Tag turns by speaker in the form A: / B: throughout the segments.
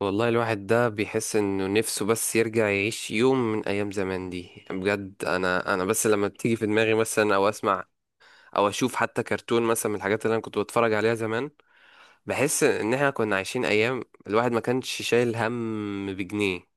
A: والله الواحد ده بيحس انه نفسه بس يرجع يعيش يوم من ايام زمان دي. يعني بجد انا بس لما بتيجي في دماغي مثلا، او اسمع او اشوف حتى كرتون مثلا من الحاجات اللي انا كنت بتفرج عليها زمان، بحس ان احنا كنا عايشين ايام الواحد ما كانش شايل هم بجنيه.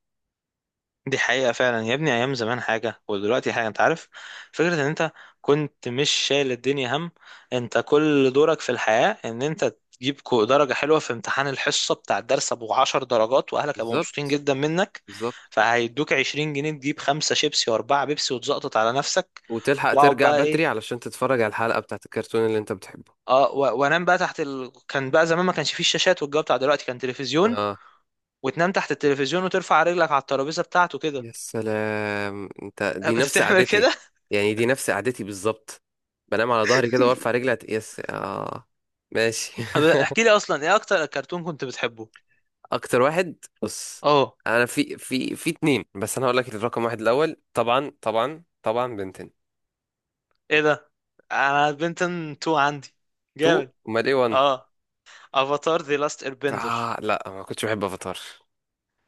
B: دي حقيقة فعلا يا ابني، أيام زمان حاجة ودلوقتي حاجة. أنت عارف فكرة إن أنت كنت مش شايل الدنيا هم؟ أنت كل دورك في الحياة إن أنت تجيب درجة حلوة في امتحان الحصة بتاع الدرس أبو 10 درجات، وأهلك هيبقوا مبسوطين
A: بالظبط.
B: جدا منك.
A: بالظبط.
B: فهيدوك 20 جنيه، تجيب خمسة شيبسي وأربعة بيبسي وتزقطط على نفسك.
A: وتلحق
B: وأقعد
A: ترجع
B: بقى
A: بدري
B: إيه،
A: علشان تتفرج على الحلقة بتاعت الكرتون اللي انت بتحبه.
B: وانام بقى كان بقى زمان ما كانش فيه الشاشات والجو بتاع دلوقتي، كان تلفزيون،
A: اه.
B: وتنام تحت التلفزيون وترفع رجلك على الترابيزه بتاعته كده.
A: يا سلام، انت
B: أنا
A: دي
B: كنت
A: نفس
B: بتعمل
A: قعدتي.
B: كده.
A: يعني دي نفس قعدتي بالظبط. بنام على ظهري كده وارفع رجلي يس. اه، ماشي.
B: طب احكي لي اصلا ايه اكتر كرتون كنت بتحبه.
A: اكتر واحد. بص،
B: اه،
A: انا في اتنين. بس انا هقول لك الرقم واحد الاول، طبعا طبعا طبعا بنتين.
B: ايه ده، انا بنتن 2 عندي،
A: تو.
B: جامد.
A: امال ايه؟ وان.
B: اه، افاتار ذا لاست ايربندر.
A: اه. لا، ما كنتش بحب افاتار.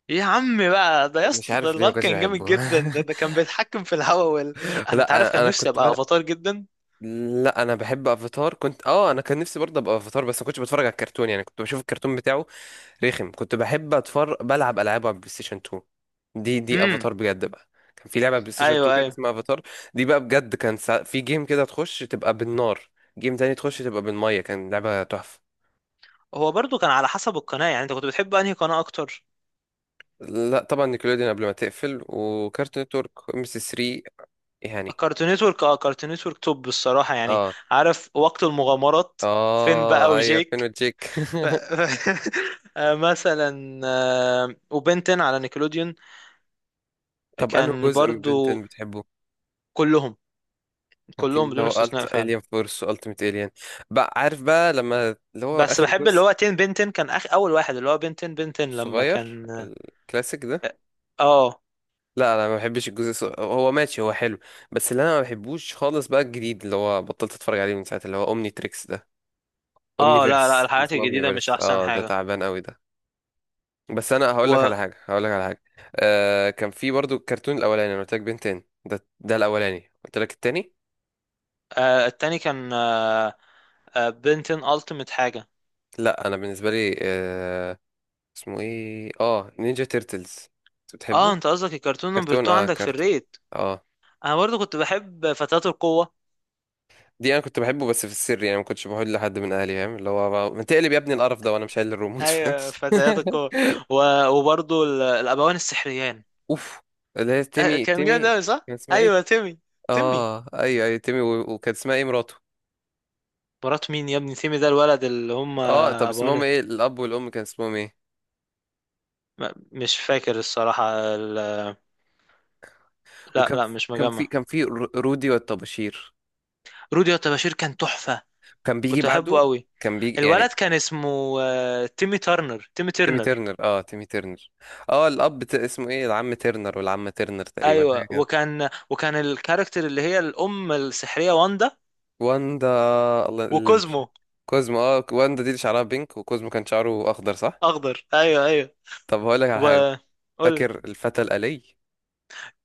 B: يا عمي بقى ده، يا
A: مش
B: اسطى، ده
A: عارف ليه ما
B: الواد
A: كنتش
B: كان جامد
A: بحبه.
B: جدا، ده كان بيتحكم في الهواء انا، انت
A: لا
B: عارف،
A: انا
B: كان
A: أنا
B: نفسي
A: كنت
B: ابقى
A: بلعب.
B: افاتار جدا.
A: لا، انا بحب افاتار، كنت، انا كان نفسي برضه ابقى افاتار، بس ما كنتش بتفرج على الكرتون، يعني كنت بشوف الكرتون بتاعه رخم. كنت بحب اتفرج بلعب العاب على البلاي ستيشن 2. دي
B: امم
A: افاتار بجد بقى. كان في لعبه على البلاي ستيشن 2
B: ايوه
A: كده
B: ايوه،
A: اسمها افاتار. دي بقى بجد كان في جيم كده تخش تبقى بالنار، جيم تاني تخش تبقى بالميه. كان لعبه تحفه.
B: هو برضو كان على حسب القناه. يعني انت كنت بتحب انهي قناه اكتر؟
A: لا طبعا، نيكلوديون قبل ما تقفل، وكارتون نتورك، ام سي 3 يعني.
B: كارتون نتورك، اه، كارتون نتورك توب الصراحه يعني.
A: اه
B: عارف وقت المغامرات، فين بقى
A: اه، ايوه. فين
B: وجيك؟
A: وجيك؟
B: ف... مثلا وبنتن على نيكلوديون،
A: طب انه
B: كان
A: جزء من بنتن
B: برضو.
A: بتحبه؟
B: كلهم،
A: كان في
B: كلهم
A: اللي
B: بدون
A: هو
B: استثناء فعلا.
A: الين فورس والتيميت الين. بقى عارف بقى لما اللي هو
B: بس
A: اخر
B: بحب اللي
A: جزء
B: هو تين بنتن، كان اخ اول واحد اللي هو بنتن بنتن لما
A: صغير،
B: كان.
A: الكلاسيك ده.
B: اه اه،
A: لا، انا ما بحبش الجزء هو ماشي، هو حلو. بس اللي انا ما بحبوش خالص بقى الجديد، اللي هو بطلت اتفرج عليه من ساعه اللي هو اومني تريكس ده، اومني
B: لا لا،
A: فيرس،
B: الحاجات
A: اسمه اومني
B: الجديدة مش
A: فيرس.
B: احسن
A: اه، ده
B: حاجة.
A: تعبان قوي ده. بس انا هقول لك على حاجه، هقول لك على حاجه. كان في برضو الكرتون الاولاني انا قلت لك بنتين، ده الاولاني، قلت لك التاني.
B: والتاني كان بنتن التيمت حاجة.
A: لا، انا بالنسبه لي، اسمه ايه، نينجا تيرتلز.
B: اه،
A: بتحبه.
B: انت قصدك الكرتون نمبر
A: كرتون،
B: 2 عندك في
A: كرتون.
B: الريت؟
A: اه.
B: انا برضو كنت بحب فتيات القوة.
A: دي انا كنت بحبه بس في السر، يعني ما كنتش بقول لحد من اهلي، فاهم؟ اللي هو ما تقلب يا ابني القرف ده وانا مش شايل الريموت، فاهم؟
B: ايوه، فتيات القوة. وبرضو الابوان السحريان.
A: اوف. اللي هي تيمي
B: كان جامد
A: تيمي.
B: أوي، صح؟
A: كان اسمها ايه؟
B: أيوه، تيمي. تيمي،
A: اه، ايوه ايوه، تيمي، و- وكان اسمها ايه مراته؟
B: مرات مين يا ابني؟ تيمي ده الولد اللي هم
A: اه، طب اسمهم
B: أبوانا.
A: ايه الاب والام، كان اسمهم ايه؟
B: مش فاكر الصراحة لا
A: وكان
B: لا، مش
A: كان في
B: مجمع.
A: كان في رودي والطباشير.
B: رودي بشير كان تحفة،
A: كان بيجي
B: كنت أحبه
A: بعده،
B: أوي.
A: كان بيجي يعني.
B: الولد كان اسمه تيمي ترنر، تيمي
A: تيمي
B: ترنر.
A: ترنر، تيمي ترنر. اه، الاب اسمه ايه، العم ترنر والعمه ترنر تقريبا
B: أيوه،
A: حاجه.
B: وكان الكاركتر اللي هي الأم السحرية واندا،
A: واندا. الله اللي
B: وكوزمو.
A: كوزمو. اه واندا دي اللي شعرها بينك، وكوزمو كان شعره اخضر صح؟
B: أخضر، أيوه أيوه.
A: طب هقول لك على حاجه،
B: وقول لي.
A: فاكر الفتى الالي؟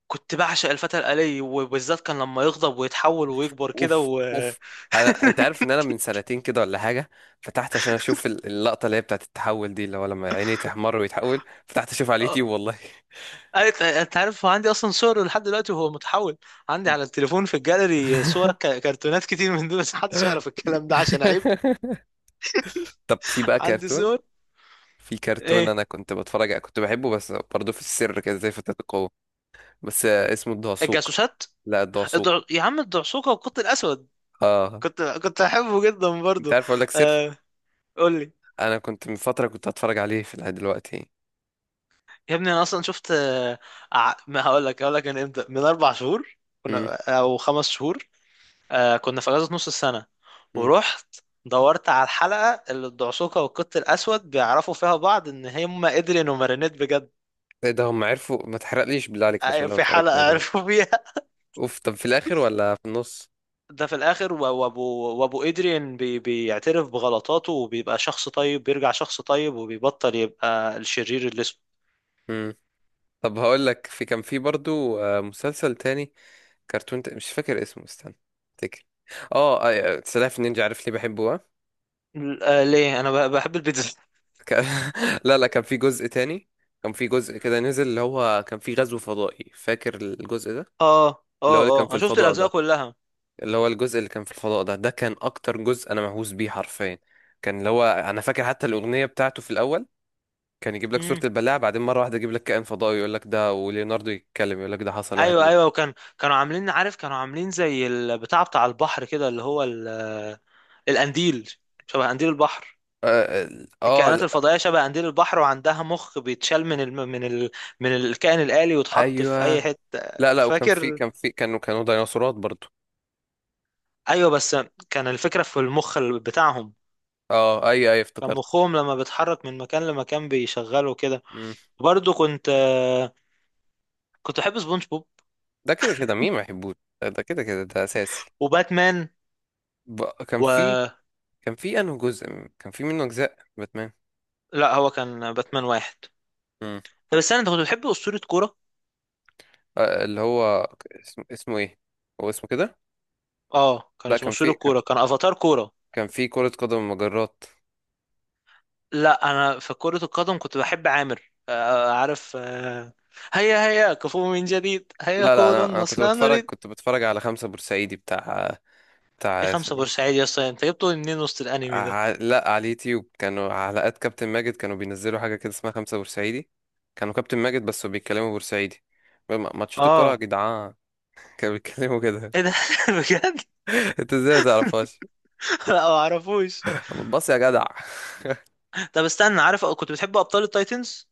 B: كنت بعشق الفتى الآلي، وبالذات كان لما يغضب ويتحول ويكبر كده
A: اوف
B: و
A: اوف. انت عارف ان انا من سنتين كده ولا حاجه فتحت عشان اشوف اللقطه اللي هي بتاعت التحول دي، اللي هو لما عينيه تحمر ويتحول، فتحت اشوف على اليوتيوب والله.
B: أنت عارف، هو عندي أصلا صور لحد دلوقتي وهو متحول. عندي على التليفون في الجاليري صور كرتونات كتير من دول، بس محدش يعرف الكلام ده عشان عيب.
A: طب في بقى
B: عندي
A: كرتون،
B: صور.
A: في كرتون
B: إيه؟
A: انا كنت بتفرج كنت بحبه، بس برضه في السر كده زي فتاة القوة، بس اسمه الدعسوق.
B: الجاسوسات.
A: لا، الدعسوق.
B: يا عم، الدعسوقة والقط الأسود، كنت أحبه جدا
A: انت
B: برضو.
A: عارف اقول لك سر،
B: آه... قول لي.
A: انا كنت من فتره كنت هتفرج عليه في العيد دلوقتي.
B: يا ابني، أنا أصلا شفت ما هقول لك من إمتى، من 4 شهور
A: امم.
B: كنا، أو 5 شهور. آه كنا في اجازه نص السنه،
A: امم.
B: ورحت دورت على الحلقه اللي الدعسوقه والقط الاسود بيعرفوا فيها بعض ان هم ادريان ومارينيت بجد.
A: ايه ده، هم عرفوا؟ ما تحرقليش بالله عليك عشان
B: أيوة،
A: لو
B: في
A: اتفرجت
B: حلقه
A: عليه.
B: عرفوا فيها.
A: اوف، طب في الاخر ولا في النص؟
B: ده في الاخر، وابو، وابو ادريان بي بيعترف بغلطاته وبيبقى شخص طيب، بيرجع شخص طيب وبيبطل يبقى الشرير اللي اسمه.
A: امم. طب هقول لك، كان في برضو مسلسل تاني، كرتون مش فاكر اسمه، استنى افتكر. اه آه، سلاحف النينجا. عارف ليه بحبه؟ ها،
B: ليه؟ انا بحب البيتزا.
A: ك... لا لا، كان في جزء تاني. كان في جزء كده نزل اللي هو كان في غزو فضائي، فاكر الجزء ده؟
B: اه اه،
A: اللي هو اللي كان
B: اه
A: في
B: انا شفت
A: الفضاء
B: الاجزاء
A: ده،
B: كلها.
A: اللي هو الجزء اللي كان في الفضاء ده، ده كان اكتر جزء انا مهووس بيه حرفيا. كان اللي هو، انا فاكر حتى الاغنيه بتاعته في الاول، كان يجيب لك صوره
B: امم
A: البلاعه، بعدين مره واحده يجيب لك كائن فضائي يقول لك ده، وليوناردو يتكلم يقول لك ده حصل واحد
B: ايوه ايوه،
A: اتنين.
B: كانوا عاملين، عارف، كانوا عاملين زي البتاع بتاع البحر كده، اللي هو القنديل، شبه قنديل البحر.
A: اه، آه آه،
B: الكائنات
A: لا،
B: الفضائية شبه قنديل البحر، وعندها مخ بيتشال من من من الكائن الآلي ويتحط في
A: ايوه.
B: أي حتة.
A: لا لا، وكان في
B: فاكر.
A: كان في كانوا ديناصورات برضو.
B: أيوة بس، كان الفكرة في المخ بتاعهم.
A: اه ايوه ايوه
B: كان
A: افتكرت.
B: مخهم لما بيتحرك من مكان لمكان بيشغله كده.
A: مم.
B: برضه كنت، كنت بحب سبونج بوب.
A: ده كده كده مين ما يحبوش، ده كده كده ده اساسي.
B: وباتمان
A: ب... كان
B: و،
A: في كان في انه جزء. كان في منه اجزاء باتمان.
B: لا، هو كان باتمان واحد.
A: مم.
B: طب استنى، انت كنت بتحب أسطورة كورة؟
A: اللي هو اسمه ايه، هو اسمه كده.
B: اه، كان
A: لا،
B: اسمه
A: كان
B: أسطورة
A: في كان
B: كورة، كان أفاتار كورة.
A: كان في كرة قدم مجرات.
B: لا، انا في كرة القدم كنت بحب عامر. عارف هيا هيا كفو من جديد، هيا
A: لا لا،
B: كولا
A: انا كنت
B: النصر لا
A: بتفرج
B: نريد.
A: كنت بتفرج على خمسة بورسعيدي بتاع
B: دي
A: بتاع
B: خمسة
A: اسمه إيه؟
B: بورسعيد يا اسطى، انت جبته منين وسط الانمي ده؟
A: لا، على اليوتيوب كانوا حلقات كابتن ماجد، كانوا بينزلوا حاجة كده اسمها خمسة بورسعيدي. كانوا كابتن ماجد بس بيتكلموا بورسعيدي. ماتشات الكرة يا
B: اه،
A: جدعان. كانوا بيتكلموا كده.
B: ايه ده بجد؟
A: انت ازاي ما تعرفهاش؟
B: لا، ما اعرفوش.
A: بص يا جدع.
B: طب استنى، عارف كنت بتحب ابطال التايتنز؟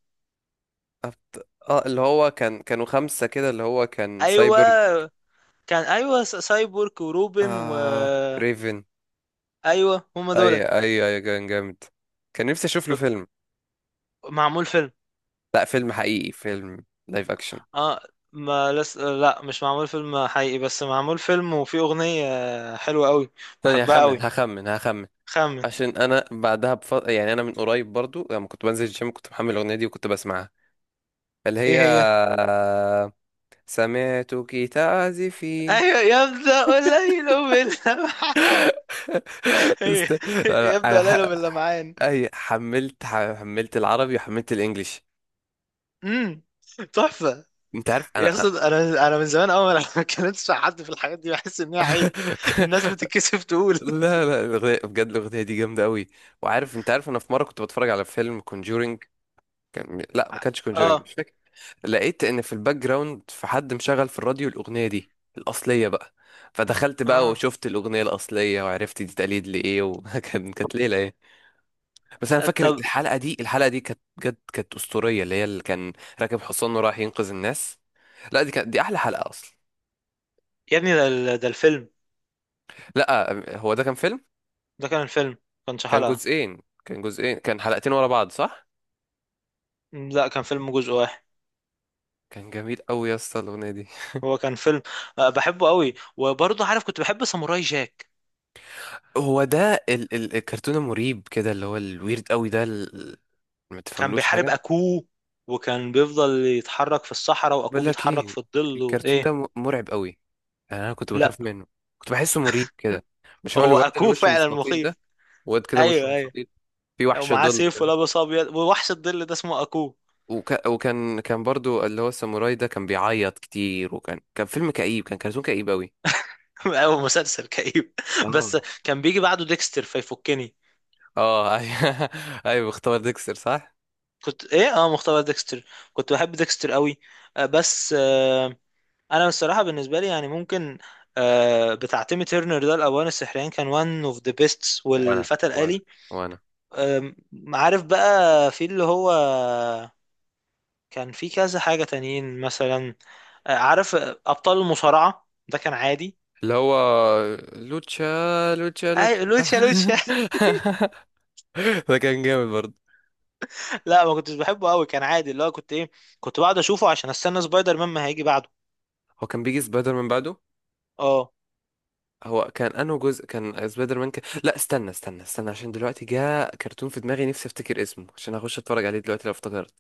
A: اه، اللي هو كان كانوا خمسة كده اللي هو كان سايبر.
B: ايوه، كان ايوه، سايبورغ وروبن و
A: آه... ريفن.
B: ايوه، هم
A: اي
B: دولت.
A: اي اي، كان جامد. كان نفسي اشوف له
B: كنت.
A: فيلم.
B: معمول فيلم.
A: لا فيلم حقيقي، فيلم لايف اكشن.
B: اه، ما لس... لا مش معمول فيلم حقيقي، بس معمول فيلم وفيه اغنية حلوة قوي.
A: ثانية،
B: بحبها
A: هخمن
B: قوي،
A: هخمن هخمن.
B: خمن.
A: عشان انا بعدها يعني انا من قريب برضو لما كنت بنزل الجيم كنت محمل الاغنية دي وكنت بسمعها، اللي
B: ايه
A: هي،
B: هي؟
A: سمعتك تعزفين.
B: ايوه، يبدأ الليل باللمعان. هي،
A: است... انا
B: يبدأ الليل باللمعان.
A: اي، حملت العربي وحملت الانجليش.
B: امم تحفة.
A: انت عارف
B: يا اسطى،
A: انا؟
B: انا من زمان، اول ما اتكلمتش مع حد في الحاجات دي بحس ان هي عيب. الناس بتتكسف تقول.
A: لا لا، الاغنيه بجد، الاغنيه دي جامده قوي. وعارف، انت عارف انا في مره كنت بتفرج على فيلم Conjuring، لا، ما كانش كونجورينج،
B: اه،
A: مش فاكر. لقيت ان في الباك جراوند في حد مشغل في الراديو الاغنيه دي الاصليه بقى. فدخلت بقى
B: اه،
A: وشفت الاغنيه الاصليه وعرفت دي تقليد لايه، وكان كانت ليله يعني. بس انا فاكر
B: طب
A: الحلقه دي كانت بجد، كانت اسطوريه، اللي هي اللي كان راكب حصان وراح ينقذ الناس. لا دي كانت، دي احلى حلقه اصلا.
B: يا ابني، ده ده الفيلم،
A: لا، هو ده كان فيلم.
B: ده كان الفيلم، كانش
A: كان
B: حلقة.
A: جزئين كان جزئين كان حلقتين ورا بعض صح؟
B: لا، كان فيلم جزء واحد.
A: كان جميل قوي يا اسطى الاغنيه دي.
B: هو كان فيلم. بحبه قوي. وبرضه عارف كنت بحب ساموراي جاك.
A: هو ده ال الكرتون المريب كده، اللي هو الويرد قوي ده، ما
B: كان
A: تفهملوش
B: بيحارب
A: حاجه.
B: اكوه، وكان بيفضل يتحرك في الصحراء
A: بقول
B: واكوه
A: لك
B: بيتحرك
A: ايه،
B: في الظل
A: الكرتون
B: وايه.
A: ده مرعب قوي، انا كنت
B: لا،
A: بخاف منه، كنت بحسه مريب كده. مش هو
B: هو
A: الواد اللي
B: اكوه
A: وشه
B: فعلا
A: مستطيل ده؟
B: مخيف.
A: واد كده وشه
B: ايوه ايوه،
A: مستطيل، في وحش
B: ومعاه
A: ظل
B: سيف
A: كده.
B: ولابس ابيض، ووحش الظل ده اسمه اكوه.
A: وكان برضو اللي هو الساموراي ده كان بيعيط كتير، وكان فيلم كئيب، كان كرتون كئيب قوي.
B: او مسلسل كئيب بس.
A: اه
B: كان بيجي بعده ديكستر فيفكني.
A: اه، ايوه. ايوه، اختار ديكستر صح.
B: كنت ايه، اه، مختبر ديكستر. كنت بحب ديكستر قوي. بس انا الصراحه بالنسبه لي يعني، ممكن بتاع تيمي تيرنر ده، الأوان السحريان كان one of the best،
A: وانا
B: والفتى
A: وانا
B: الآلي.
A: وانا
B: أم، عارف بقى في اللي هو، كان في كذا حاجة تانيين مثلا. عارف أبطال المصارعة ده كان عادي.
A: اللي هو لوتشا لوتشا لوتشا.
B: اي، لوتشا لوتشا
A: ده كان جامد برضه.
B: لا، ما كنتش بحبه قوي، كان عادي. اللي هو كنت ايه، كنت بقعد اشوفه عشان استنى سبايدر مان ما هيجي بعده.
A: هو كان بيجي سبايدر من بعده.
B: اه،
A: هو كان انه جزء كان سبايدر مان، لا، استنى استنى استنى عشان دلوقتي جاء كرتون في دماغي نفسي افتكر اسمه عشان اخش اتفرج عليه دلوقتي لو افتكرت.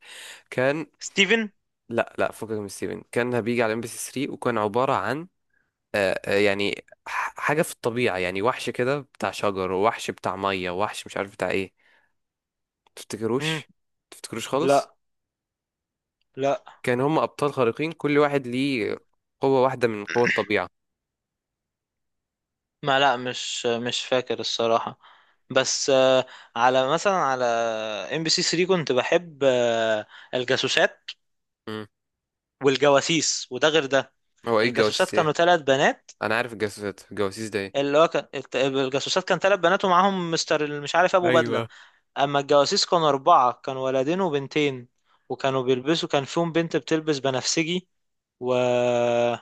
A: كان.
B: ستيفن.
A: لا لا، فكك من ستيفن، كان بيجي على ام بي سي 3 وكان عبارة عن يعني حاجة في الطبيعة يعني، وحش كده بتاع شجر، ووحش بتاع مية، ووحش مش عارف بتاع ايه.
B: امم
A: تفتكروش؟ تفتكروش خالص؟
B: لا لا،
A: كان هم ابطال خارقين كل واحد ليه قوة واحدة من قوة الطبيعة.
B: ما لا مش مش فاكر الصراحة. بس على مثلا على ام بي سي 3 كنت بحب الجاسوسات
A: امم.
B: والجواسيس، وده غير ده.
A: هو ايه
B: الجاسوسات
A: الجواسيس،
B: كانوا
A: ايه؟
B: 3 بنات.
A: انا عارف الجواسيس ده ايه؟
B: اللي هو كان الجاسوسات كان 3 بنات، ومعاهم مستر مش عارف، ابو بدله.
A: ايوه.
B: اما الجواسيس كانوا 4، كانوا ولدين وبنتين، وكانوا بيلبسوا، كان فيهم بنت بتلبس بنفسجي. ومش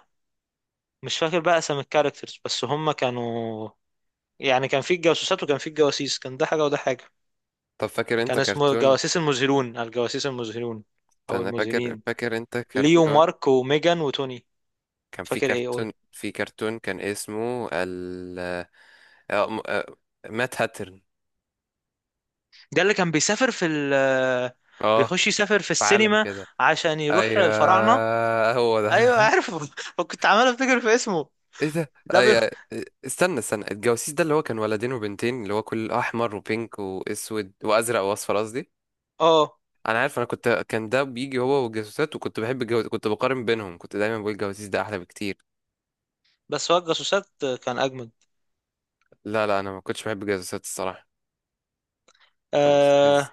B: فاكر بقى اسم الكاركترز، بس هم كانوا، يعني كان في الجاسوسات وكان في الجواسيس، كان ده حاجه وده حاجه.
A: طب فاكر انت
B: كان اسمه
A: كرتون،
B: الجواسيس المزهرون، الجواسيس المزهرون او
A: انا فاكر
B: المزهرين.
A: فاكر انت
B: ليو
A: كرتون
B: مارك وميجان وتوني.
A: كان في
B: فاكر ايه اقول.
A: كرتون في كرتون كان اسمه ال آه، م- آه، مات هاترن.
B: ده اللي كان بيسافر في ال،
A: اه،
B: بيخش يسافر في
A: في عالم
B: السينما
A: كده.
B: عشان يروح الفراعنة.
A: ايوه هو ده.
B: ايوه عارفه كنت عمال افتكر في اسمه.
A: ايه ده،
B: ده بيخ...
A: ايوه. استنى استنى، الجواسيس ده اللي هو كان ولدين وبنتين، اللي هو كل احمر وبينك واسود وازرق واصفر، قصدي
B: اه
A: انا عارف، انا كنت، كان ده بيجي هو والجاسوسات، وكنت بحب كنت بقارن بينهم، كنت دايما بقول الجواسيس ده احلى بكتير.
B: بس، هو الجاسوسات كان اجمد.
A: لا لا، انا ما كنتش بحب الجاسوسات الصراحه، كان مستفز.
B: آه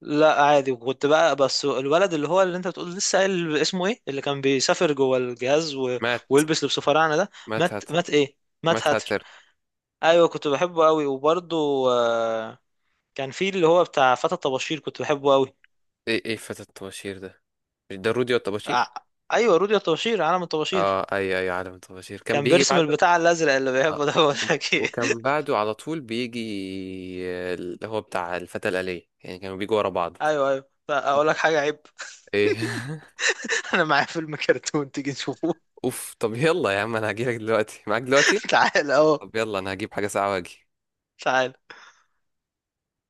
B: لا عادي. وكنت بقى بس الولد اللي هو اللي انت بتقول، لسه قايل اسمه ايه، اللي كان بيسافر جوه الجهاز و...
A: مات
B: ويلبس لبس فراعنه ده.
A: مات
B: مات.
A: هاتر،
B: مات ايه، مات
A: مات
B: هاتر.
A: هاتر.
B: ايوه كنت بحبه قوي. وبرده آه كان في اللي هو بتاع فتى الطباشير، كنت بحبه قوي.
A: ايه ايه فتى الطباشير ده، مش ده رودي الطباشير؟
B: آه ايوه، رودي الطباشير، عالم الطباشير.
A: اه، اي اي عالم الطباشير كان
B: كان
A: بيجي
B: بيرسم
A: بعده.
B: البتاع الازرق اللي
A: اه،
B: بيحبه ده. بقول
A: و-
B: لك ايه،
A: وكان بعده على طول بيجي اللي هو بتاع الفتى الآلية يعني، كانوا بيجوا ورا بعض.
B: ايوه ايوه، اقول
A: وك-
B: لك حاجه عيب.
A: ايه؟
B: انا معايا فيلم كرتون، تيجي نشوفه؟
A: اوف. طب يلا يا عم، انا هجيلك دلوقتي، معاك دلوقتي.
B: تعال اهو.
A: طب يلا انا هجيب حاجة ساعة واجي.
B: تعال.